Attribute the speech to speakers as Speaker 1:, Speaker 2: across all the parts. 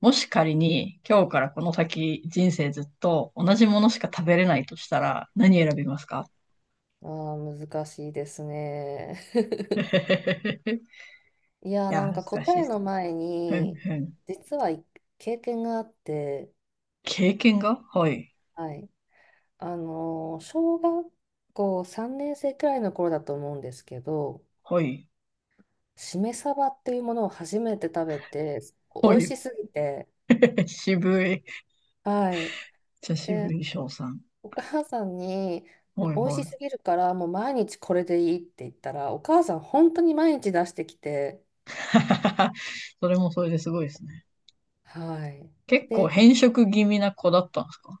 Speaker 1: もし仮に今日からこの先人生ずっと同じものしか食べれないとしたら何選びますか？
Speaker 2: ああ、難しいですね。
Speaker 1: いや、
Speaker 2: なんか
Speaker 1: 難
Speaker 2: 答
Speaker 1: しいで
Speaker 2: え
Speaker 1: す
Speaker 2: の
Speaker 1: ね。
Speaker 2: 前
Speaker 1: ふん
Speaker 2: に、
Speaker 1: ふん。
Speaker 2: 実は経験があって、
Speaker 1: 経験が、はい。
Speaker 2: はい。あの小学校3年生くらいの頃だと思うんですけど、
Speaker 1: はい。
Speaker 2: しめ鯖っていうものを初めて食べて、
Speaker 1: は
Speaker 2: 美味
Speaker 1: い。
Speaker 2: しすぎて、
Speaker 1: 渋い。
Speaker 2: はい。
Speaker 1: じゃ、渋
Speaker 2: で、
Speaker 1: い翔さん。
Speaker 2: お母さんに、
Speaker 1: はい
Speaker 2: 美味
Speaker 1: は
Speaker 2: しす
Speaker 1: い。
Speaker 2: ぎるから、もう毎日これでいいって言ったら、お母さん本当に毎日出してきて、
Speaker 1: それもそれですごいですね。
Speaker 2: はい。
Speaker 1: 結構変色気味な子だったんですかっ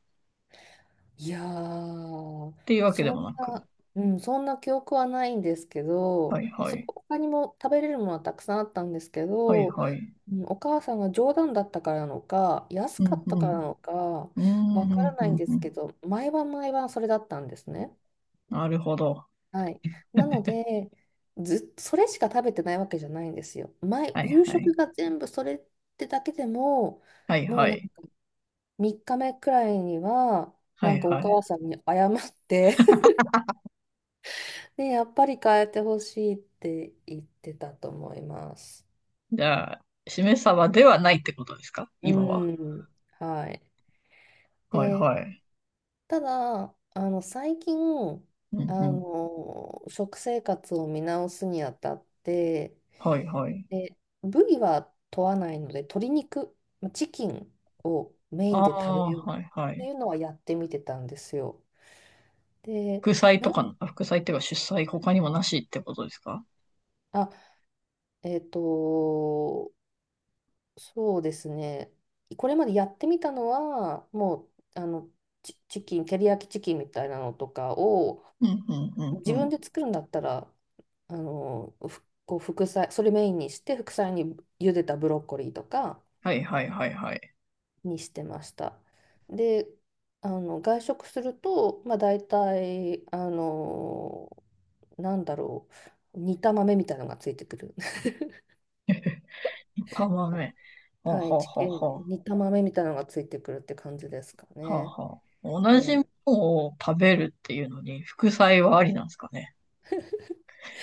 Speaker 2: いやー、
Speaker 1: ていうわけで
Speaker 2: そん
Speaker 1: もなく。
Speaker 2: な、うん、そんな記憶はないんですけ
Speaker 1: は
Speaker 2: ど、
Speaker 1: いはい。
Speaker 2: 他にも食べれるものはたくさんあったんですけ
Speaker 1: はい
Speaker 2: ど、
Speaker 1: はい。
Speaker 2: お母さんが冗談だったからなのか、安
Speaker 1: う
Speaker 2: か
Speaker 1: ん
Speaker 2: った
Speaker 1: う
Speaker 2: から
Speaker 1: ん。
Speaker 2: なのか、
Speaker 1: う
Speaker 2: わ
Speaker 1: んう
Speaker 2: から
Speaker 1: んう
Speaker 2: ないん
Speaker 1: ん
Speaker 2: で
Speaker 1: う
Speaker 2: す
Speaker 1: ん。
Speaker 2: けど、毎晩毎晩それだったんですね。
Speaker 1: なるほど。
Speaker 2: はい。なので、ずっとそれしか食べてないわけじゃないんですよ。
Speaker 1: はい
Speaker 2: 夕
Speaker 1: はい。
Speaker 2: 食が全部それってだけでも、
Speaker 1: はい
Speaker 2: も
Speaker 1: は
Speaker 2: うなんか
Speaker 1: い。
Speaker 2: 3日目くらいには、
Speaker 1: は
Speaker 2: な
Speaker 1: い
Speaker 2: んかお
Speaker 1: は
Speaker 2: 母
Speaker 1: い。
Speaker 2: さんに謝って、で、やっぱり変えてほしいって言ってたと思います。
Speaker 1: じゃあ、しめ鯖ではないってことですか、
Speaker 2: う
Speaker 1: 今は？
Speaker 2: ん、はい。
Speaker 1: はい
Speaker 2: で、
Speaker 1: はい。
Speaker 2: ただ、最近、
Speaker 1: うんうん。
Speaker 2: 食生活を見直すにあたって、
Speaker 1: はいはい。
Speaker 2: で、部位は問わないので、鶏肉、チキンをメイ
Speaker 1: あ
Speaker 2: ンで食べ
Speaker 1: あ、
Speaker 2: ようっ
Speaker 1: はいは
Speaker 2: てい
Speaker 1: い。
Speaker 2: うのはやってみてたんですよ。で、
Speaker 1: 副菜
Speaker 2: な
Speaker 1: と
Speaker 2: ん、
Speaker 1: か、副菜っていうか、出菜、他にもなしってことですか？
Speaker 2: あ、えっと、そうですね。これまでやってみたのは、もう、あの、チ、チキン、照り焼きチキンみたいなのとかを、
Speaker 1: うんうんう
Speaker 2: 自
Speaker 1: んう
Speaker 2: 分
Speaker 1: ん。
Speaker 2: で作るんだったら、あの、ふこう副菜、それメインにして、副菜に茹でたブロッコリーとか
Speaker 1: はいはいはいはい。
Speaker 2: にしてました。で、外食すると、まあ大体、なんだろ煮た豆みたいなのがついてくる。
Speaker 1: 炒豆。はあ
Speaker 2: は
Speaker 1: は
Speaker 2: い、
Speaker 1: あ
Speaker 2: チ
Speaker 1: はあ
Speaker 2: キン、
Speaker 1: は
Speaker 2: 煮た豆みたいなのがついてくるって感じですか
Speaker 1: あ。は
Speaker 2: ね。
Speaker 1: あはあ。
Speaker 2: う
Speaker 1: 同じも
Speaker 2: ん
Speaker 1: のを食べるっていうのに、副菜はありなんですかね。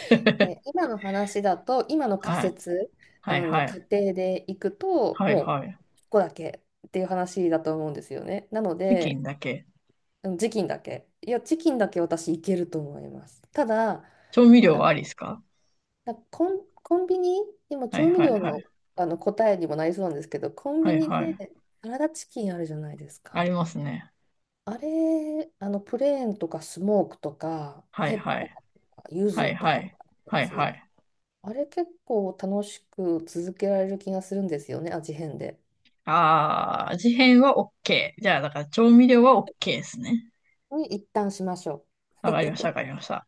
Speaker 2: で、今の話だと、今の仮
Speaker 1: はい。
Speaker 2: 説、あ
Speaker 1: はい
Speaker 2: の
Speaker 1: はい。
Speaker 2: 仮定でいくと、
Speaker 1: はい
Speaker 2: もう
Speaker 1: はい。
Speaker 2: ここだけっていう話だと思うんですよね。なの
Speaker 1: チキン
Speaker 2: で、
Speaker 1: だけ。
Speaker 2: うんチキンだけ。いや、チキンだけ私いけると思います。ただ、
Speaker 1: 調味料
Speaker 2: あ、
Speaker 1: はありですか？
Speaker 2: コンビニ、今
Speaker 1: はい
Speaker 2: 調味
Speaker 1: はい
Speaker 2: 料
Speaker 1: はい。
Speaker 2: の、あの答えにもなりそうなんですけど、コン
Speaker 1: は
Speaker 2: ビ
Speaker 1: い
Speaker 2: ニ
Speaker 1: は
Speaker 2: で
Speaker 1: い。
Speaker 2: サラダチキンあるじゃないです
Speaker 1: あり
Speaker 2: か。
Speaker 1: ますね。
Speaker 2: あれ、プレーンとかスモークとか、
Speaker 1: はい
Speaker 2: ペッ
Speaker 1: は
Speaker 2: パー
Speaker 1: い。
Speaker 2: とか、柚
Speaker 1: はい
Speaker 2: 子と
Speaker 1: は
Speaker 2: かの
Speaker 1: い。
Speaker 2: や
Speaker 1: はいは
Speaker 2: つ。
Speaker 1: い。
Speaker 2: あれ結構楽しく続けられる気がするんですよね、味変で。
Speaker 1: ああ、味変は OK。じゃあ、だから調味料は OK ですね。
Speaker 2: に一旦しましょう。
Speaker 1: わかりました、わかりました。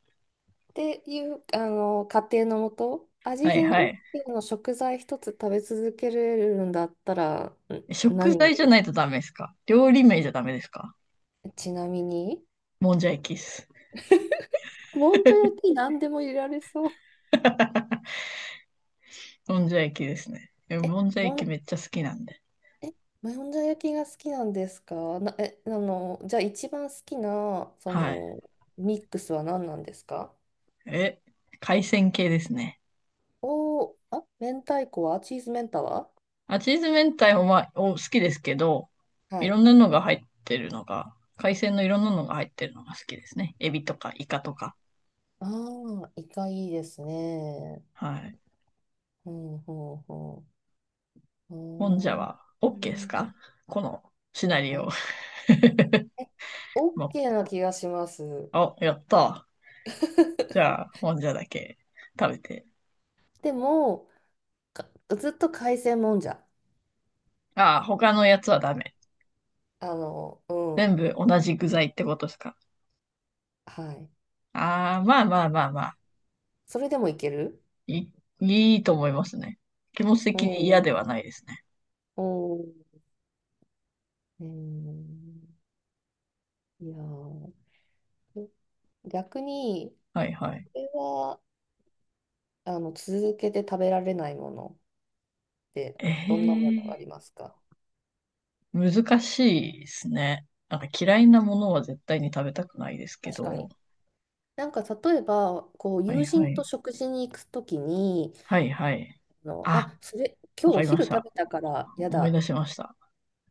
Speaker 2: っていう、仮定のもと、味
Speaker 1: はい
Speaker 2: 変
Speaker 1: は
Speaker 2: OK
Speaker 1: い。
Speaker 2: の食材一つ食べ続けれるんだったら、ん
Speaker 1: 食
Speaker 2: 何が
Speaker 1: 材
Speaker 2: いい
Speaker 1: じゃ
Speaker 2: で
Speaker 1: な
Speaker 2: す
Speaker 1: い
Speaker 2: か？
Speaker 1: とダメですか？料理名じゃダメですか？
Speaker 2: ちなみに、
Speaker 1: もんじゃ焼きっす。
Speaker 2: もんじゃ焼き何でも入れられそう。
Speaker 1: もんじゃ焼きですね。
Speaker 2: え、
Speaker 1: もんじゃ焼
Speaker 2: も
Speaker 1: き
Speaker 2: ん、
Speaker 1: めっちゃ好きなんで。
Speaker 2: え、もんじゃ焼きが好きなんですか？な、え、あの、じゃあ一番好きな、そ
Speaker 1: はい。
Speaker 2: の、ミックスは何なんですか？
Speaker 1: え、海鮮系ですね。
Speaker 2: おー、あ、明太子はチーズメンタは？
Speaker 1: あ、チーズ明太もまあ、好きですけど、
Speaker 2: は
Speaker 1: いろ
Speaker 2: い。
Speaker 1: んなのが入ってるのが、海鮮のいろんなのが入ってるのが好きですね。エビとかイカとか。
Speaker 2: ああ、イカいいですね。
Speaker 1: はい。
Speaker 2: うん、ほうほう。
Speaker 1: もんじゃ
Speaker 2: ほ
Speaker 1: は
Speaker 2: うう
Speaker 1: OK です
Speaker 2: ん。
Speaker 1: か、このシナリオ？
Speaker 2: え、え、OK
Speaker 1: も
Speaker 2: な気がします。
Speaker 1: う、やった。じ ゃあ、もんじゃだけ食べて。
Speaker 2: でも、かずっと海鮮もんじゃ。
Speaker 1: ああ、他のやつはダメ。
Speaker 2: あの、う
Speaker 1: 全
Speaker 2: ん。
Speaker 1: 部同じ具材ってことですか？
Speaker 2: はい。
Speaker 1: ああ、まあまあまあまあ。
Speaker 2: それでもいける。
Speaker 1: いいいと思いますね。気持ち
Speaker 2: お
Speaker 1: 的に嫌では
Speaker 2: ー、
Speaker 1: ないですね。
Speaker 2: おー、えー、いやー、逆に、
Speaker 1: はいはい。
Speaker 2: これは、続けて食べられないものって、
Speaker 1: え
Speaker 2: どんなものがあり
Speaker 1: え、
Speaker 2: ますか？
Speaker 1: 難しいですね。なんか嫌いなものは絶対に食べたくないですけ
Speaker 2: 確か
Speaker 1: ど。
Speaker 2: に、なんか例えば、こう
Speaker 1: はい
Speaker 2: 友
Speaker 1: は
Speaker 2: 人と
Speaker 1: い。
Speaker 2: 食事に行くときに、
Speaker 1: はいはい。あ、
Speaker 2: それ、今
Speaker 1: わ
Speaker 2: 日
Speaker 1: か
Speaker 2: お
Speaker 1: りま
Speaker 2: 昼
Speaker 1: し
Speaker 2: 食
Speaker 1: た。
Speaker 2: べたから嫌だ
Speaker 1: 思い
Speaker 2: っ
Speaker 1: 出しました。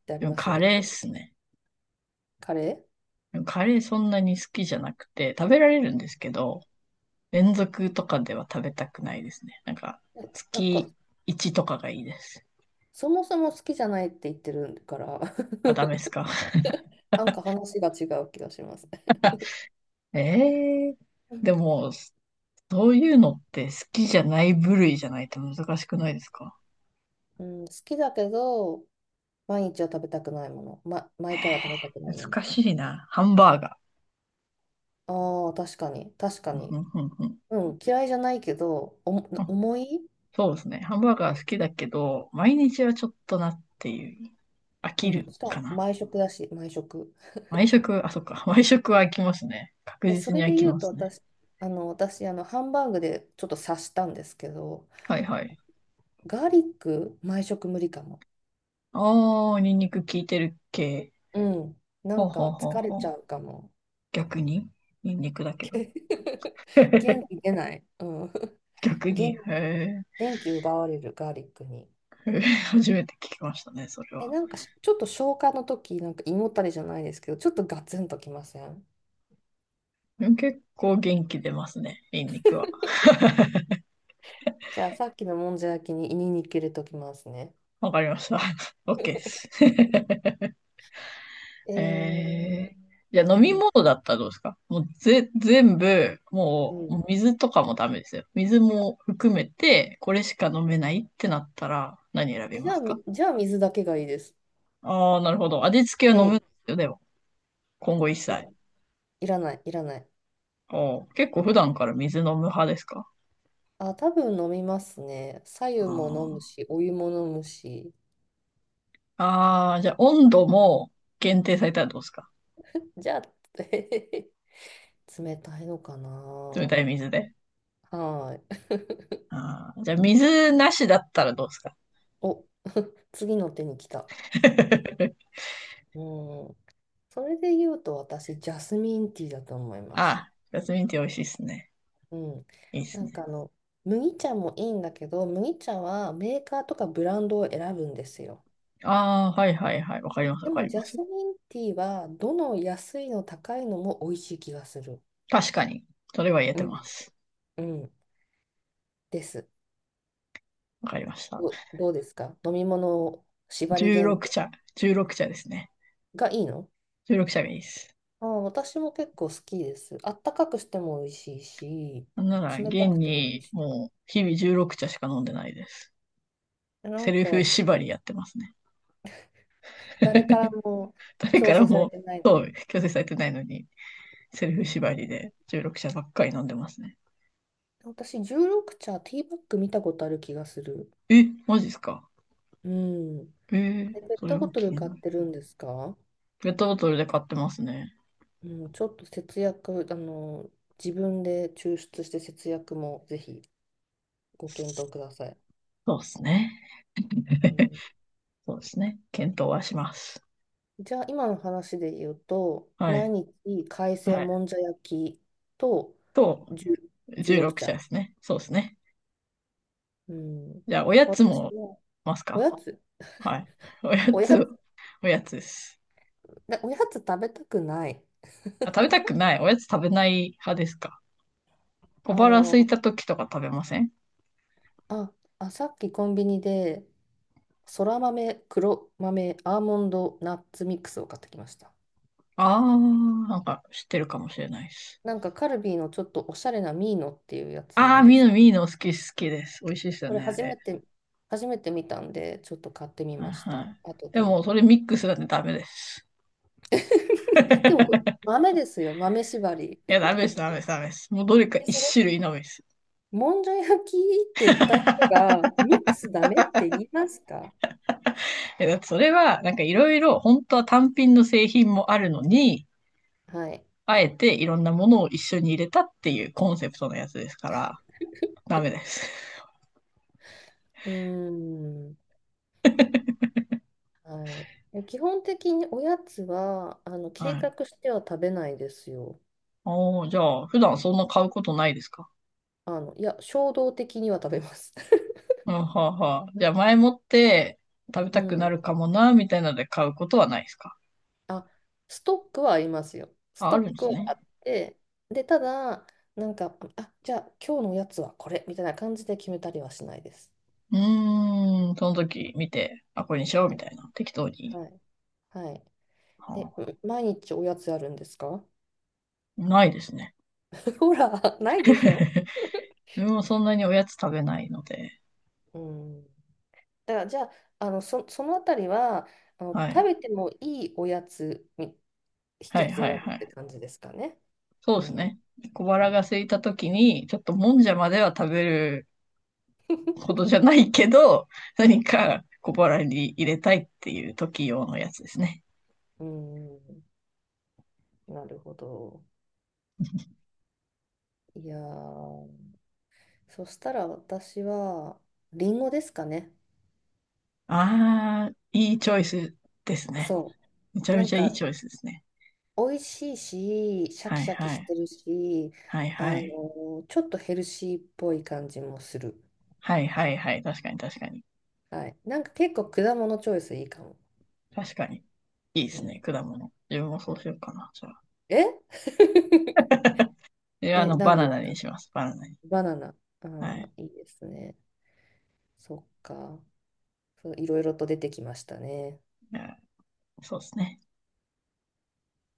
Speaker 2: てあり
Speaker 1: でも
Speaker 2: ますよ
Speaker 1: カ
Speaker 2: ね。
Speaker 1: レーっすね。
Speaker 2: カレ
Speaker 1: カレーそんなに好きじゃなくて、食べられるんですけど、連続とかでは食べたくないですね。なんか、
Speaker 2: ーななんか、
Speaker 1: 月1とかがいいです。
Speaker 2: そもそも好きじゃないって言ってるから、
Speaker 1: あ、ダメですか。
Speaker 2: なんか話が違う気がします。
Speaker 1: ええー、
Speaker 2: うん。
Speaker 1: でも、そういうのって好きじゃない部類じゃないと難しくないですか？
Speaker 2: うん、好きだけど、毎日は食べたくないもの。ま、毎回は食べたく
Speaker 1: え
Speaker 2: ないも
Speaker 1: 難しいな。ハンバーガ
Speaker 2: の。ああ、確かに、確
Speaker 1: ー。
Speaker 2: か
Speaker 1: う
Speaker 2: に。
Speaker 1: んうんうんうん。
Speaker 2: うん、嫌いじゃないけど、
Speaker 1: あ、
Speaker 2: 重い。
Speaker 1: そうですね。ハンバーガー好きだけど、毎日はちょっとなっていう。飽
Speaker 2: う
Speaker 1: き
Speaker 2: ん、
Speaker 1: る
Speaker 2: しか
Speaker 1: か
Speaker 2: も
Speaker 1: な。
Speaker 2: 毎食だし、毎食。
Speaker 1: 毎食、あ、そっか。毎食は飽きますね。確
Speaker 2: え、そ
Speaker 1: 実に
Speaker 2: れ
Speaker 1: 飽
Speaker 2: で
Speaker 1: き
Speaker 2: 言う
Speaker 1: ま
Speaker 2: と
Speaker 1: すね。
Speaker 2: 私、あの、ハンバーグでちょっと刺したんですけど、
Speaker 1: はいはい。
Speaker 2: ガーリック、毎食無理かも。
Speaker 1: ああ、ニンニク効いてる系。
Speaker 2: うん。な
Speaker 1: ほう
Speaker 2: ん
Speaker 1: ほう
Speaker 2: か
Speaker 1: ほう
Speaker 2: 疲れ
Speaker 1: ほ
Speaker 2: ちゃ
Speaker 1: う。
Speaker 2: うかも。
Speaker 1: 逆にニンニクだけど。
Speaker 2: け 元気出ない。うん。
Speaker 1: 逆
Speaker 2: 元
Speaker 1: に。へ
Speaker 2: 気、
Speaker 1: え。
Speaker 2: 元気奪われるガーリックに。
Speaker 1: へえ、初めて聞きましたね、それ
Speaker 2: え、
Speaker 1: は。
Speaker 2: なんかちょっと消化の時、なんか胃もたれじゃないですけど、ちょっとガツンときません？
Speaker 1: でも結構元気出ますね、ニンニクは。
Speaker 2: じゃあさっきのもんじゃ焼きに胃に入れときますね。
Speaker 1: わかりました。OK で す。
Speaker 2: え
Speaker 1: へ
Speaker 2: ー、
Speaker 1: え。じゃあ
Speaker 2: う
Speaker 1: 飲み
Speaker 2: ん、
Speaker 1: 物だったらどうですか？もうぜ、全部、
Speaker 2: う
Speaker 1: もう、
Speaker 2: ん。
Speaker 1: もう水とかもダメですよ。水も含めて、これしか飲めないってなったら何選び
Speaker 2: じ
Speaker 1: ま
Speaker 2: ゃあ、
Speaker 1: すか？
Speaker 2: じゃあ水だけがいいです。
Speaker 1: ああー、なるほど。味付け
Speaker 2: う
Speaker 1: は飲むん
Speaker 2: ん
Speaker 1: ですよ、でも。今後一
Speaker 2: え
Speaker 1: 切。
Speaker 2: いらない、いらない。
Speaker 1: おう、結構普段から水飲む派ですか？
Speaker 2: あ、多分飲みますね。白湯
Speaker 1: あ
Speaker 2: も飲むし、お湯も飲むし。
Speaker 1: ーあー、じゃあ温度も限定されたらどうですか？
Speaker 2: じゃあ、冷たいのか
Speaker 1: 冷た
Speaker 2: な。
Speaker 1: い水で。
Speaker 2: はい。
Speaker 1: あー、じゃあ水なしだったらどうですか？
Speaker 2: お、次の手に来た。うん。それで言うと、私、ジャスミンティーだと思いま
Speaker 1: あ
Speaker 2: す。
Speaker 1: あ、ジャスミンティー美味しいっすね。
Speaker 2: うん。
Speaker 1: いいっす
Speaker 2: なん
Speaker 1: ね。
Speaker 2: かあの、麦茶もいいんだけど、麦茶はメーカーとかブランドを選ぶんですよ。
Speaker 1: ああ、はいはいはい。わかりますわ
Speaker 2: で
Speaker 1: か
Speaker 2: も、
Speaker 1: り
Speaker 2: ジ
Speaker 1: ま
Speaker 2: ャス
Speaker 1: す。
Speaker 2: ミンティーは、どの安いの高いのも美味しい気がする。
Speaker 1: 確かに。それは言え
Speaker 2: う
Speaker 1: てま
Speaker 2: ん。
Speaker 1: す。
Speaker 2: うん。です。
Speaker 1: わかりました。
Speaker 2: ど、どうですか飲み物縛り限
Speaker 1: 16
Speaker 2: 定
Speaker 1: 茶。16茶ですね。
Speaker 2: がいいの？
Speaker 1: 16茶がいいです。
Speaker 2: ああ、私も結構好きです。あったかくしても美味しいし、
Speaker 1: なんなら、
Speaker 2: 冷
Speaker 1: 現
Speaker 2: たくても美
Speaker 1: に
Speaker 2: 味し
Speaker 1: もう日々16茶しか飲んでないです。
Speaker 2: い。な
Speaker 1: セ
Speaker 2: ん
Speaker 1: ルフ
Speaker 2: か、
Speaker 1: 縛りやってますね。
Speaker 2: 誰から も
Speaker 1: 誰か
Speaker 2: 強
Speaker 1: ら
Speaker 2: 制され
Speaker 1: も、
Speaker 2: てないの
Speaker 1: そ
Speaker 2: で。
Speaker 1: う、強制されてないのに、セ
Speaker 2: う
Speaker 1: ルフ
Speaker 2: ん、
Speaker 1: 縛りで16社ばっかり飲んでますね。
Speaker 2: 私、16茶、ティーバッグ見たことある気がする。
Speaker 1: え、マジっすか？
Speaker 2: うん。で、ペ
Speaker 1: そ
Speaker 2: ッ
Speaker 1: れ
Speaker 2: トボ
Speaker 1: は
Speaker 2: ト
Speaker 1: 気
Speaker 2: ル
Speaker 1: に
Speaker 2: 買っ
Speaker 1: なる。
Speaker 2: てるんですか？
Speaker 1: ペットボトルで買ってますね。
Speaker 2: うん、ちょっと節約、自分で抽出して節約もぜひご検討ください。
Speaker 1: そうですね。
Speaker 2: う ん。
Speaker 1: そうですね。検討はします。
Speaker 2: じゃあ今の話で言うと、
Speaker 1: は
Speaker 2: 毎
Speaker 1: い。
Speaker 2: 日海
Speaker 1: は
Speaker 2: 鮮
Speaker 1: い。
Speaker 2: もんじゃ焼きと
Speaker 1: と、
Speaker 2: じゅじゅうろく
Speaker 1: 16社で
Speaker 2: 茶。
Speaker 1: すね。そうですね。
Speaker 2: うん。
Speaker 1: じゃあ、おやつ
Speaker 2: 私
Speaker 1: も
Speaker 2: は
Speaker 1: ます
Speaker 2: お
Speaker 1: か？
Speaker 2: やつ、
Speaker 1: はい。おや
Speaker 2: おやつ、
Speaker 1: つ、おやつです。
Speaker 2: なおやつ食べたくない。
Speaker 1: あ、食べたくない。おやつ食べない派ですか？小
Speaker 2: あ
Speaker 1: 腹空い
Speaker 2: の、
Speaker 1: た時とか食べません？
Speaker 2: あ、さっきコンビニで、そら豆、黒豆、アーモンド、ナッツミックスを買ってきました。
Speaker 1: ああー、なんか知ってるかもしれないです。
Speaker 2: なんかカルビーのちょっとおしゃれなミーノっていうやつな
Speaker 1: ああ、
Speaker 2: んで
Speaker 1: ミー
Speaker 2: す。
Speaker 1: ノ、ミーノ好き、好きです。美味しいですよ
Speaker 2: これ
Speaker 1: ね、あ
Speaker 2: 初め
Speaker 1: れ。
Speaker 2: て、初めて見たんで、ちょっと買ってみ
Speaker 1: はい
Speaker 2: まし
Speaker 1: は
Speaker 2: た。
Speaker 1: い。
Speaker 2: 後
Speaker 1: で
Speaker 2: で、
Speaker 1: も、それミックスだってダメです。
Speaker 2: でもこれ豆ですよ、豆縛り。
Speaker 1: いや、ダメです、ダメです、ダメです。もうどれか
Speaker 2: え、そ
Speaker 1: 一
Speaker 2: れ、
Speaker 1: 種類のみです。
Speaker 2: もんじゃ焼きって言った人が、ミックスダメって言いますか？
Speaker 1: いや、だってそれは、なんかいろいろ、本当は単品の製品もあるのに、
Speaker 2: はい。
Speaker 1: あえていろんなものを一緒に入れたっていうコンセプトのやつですから、ダメです。
Speaker 2: うーん。はい。基本的におやつは、計
Speaker 1: はい。
Speaker 2: 画しては食べないですよ。
Speaker 1: おー、じゃあ、普段そんな買うことないですか？
Speaker 2: 衝動的には食べます。
Speaker 1: うん、はあはあ。じゃあ、前もって食べ
Speaker 2: う
Speaker 1: たくな
Speaker 2: ん。
Speaker 1: るかもな、みたいなので買うことはないですか？
Speaker 2: あ、ストックはありますよ。ス
Speaker 1: あ、あ
Speaker 2: ト
Speaker 1: るん
Speaker 2: ッ
Speaker 1: で
Speaker 2: ク
Speaker 1: す
Speaker 2: は
Speaker 1: ね。
Speaker 2: あって、で、ただ、なんか、あ、じゃあ今日のおやつはこれみたいな感じで決めたりはしないです。
Speaker 1: うーん、その時見て、あ、これにし
Speaker 2: は
Speaker 1: ようみ
Speaker 2: い。
Speaker 1: たいな、適当に。
Speaker 2: はい。はい。
Speaker 1: は
Speaker 2: え、
Speaker 1: あ、
Speaker 2: 毎日おやつあるんですか？
Speaker 1: ないですね。
Speaker 2: ほら、ないでしょ？
Speaker 1: 自分もそんなにおやつ食べないので。
Speaker 2: うん。だから、じゃあ、あの、そのあたりは、
Speaker 1: は
Speaker 2: 食
Speaker 1: い。
Speaker 2: べてもいいおやつに
Speaker 1: は
Speaker 2: 一
Speaker 1: い
Speaker 2: つ
Speaker 1: はい
Speaker 2: 選ぶっ
Speaker 1: は
Speaker 2: て
Speaker 1: い。
Speaker 2: 感じですかね。
Speaker 1: そう
Speaker 2: う
Speaker 1: です
Speaker 2: ん。
Speaker 1: ね。小
Speaker 2: う
Speaker 1: 腹が
Speaker 2: ん。
Speaker 1: 空いた時に、ちょっともんじゃまでは食べるほどじゃないけど、何か小腹に入れたいっていう時用のやつですね。
Speaker 2: うん。なるほど。いやー、そしたら私は、りんごですかね。
Speaker 1: ああ、いいチョイスですね。
Speaker 2: そ
Speaker 1: めち
Speaker 2: う。
Speaker 1: ゃ
Speaker 2: な
Speaker 1: め
Speaker 2: ん
Speaker 1: ちゃいい
Speaker 2: か、
Speaker 1: チョイスですね。
Speaker 2: 美味しいし、シャ
Speaker 1: は
Speaker 2: キ
Speaker 1: い
Speaker 2: シャキ
Speaker 1: は
Speaker 2: し
Speaker 1: い。
Speaker 2: てるし、
Speaker 1: はいはい。
Speaker 2: ちょっとヘルシーっぽい感じもする。
Speaker 1: はいはいはい。確かに確かに。
Speaker 2: はい。なんか結構果物チョイスいいかも。
Speaker 1: 確かに。いいで
Speaker 2: う
Speaker 1: す
Speaker 2: ん、
Speaker 1: ね、果物。自分もそうしようかな、じゃあ。
Speaker 2: え。
Speaker 1: いや、
Speaker 2: え、
Speaker 1: バ
Speaker 2: 何
Speaker 1: ナ
Speaker 2: です
Speaker 1: ナ
Speaker 2: か？
Speaker 1: にします、バナナに。
Speaker 2: バナナ。
Speaker 1: は
Speaker 2: ああ、
Speaker 1: い。
Speaker 2: いいですね。そっか。そう、いろいろと出てきましたね。
Speaker 1: いや、そうですね。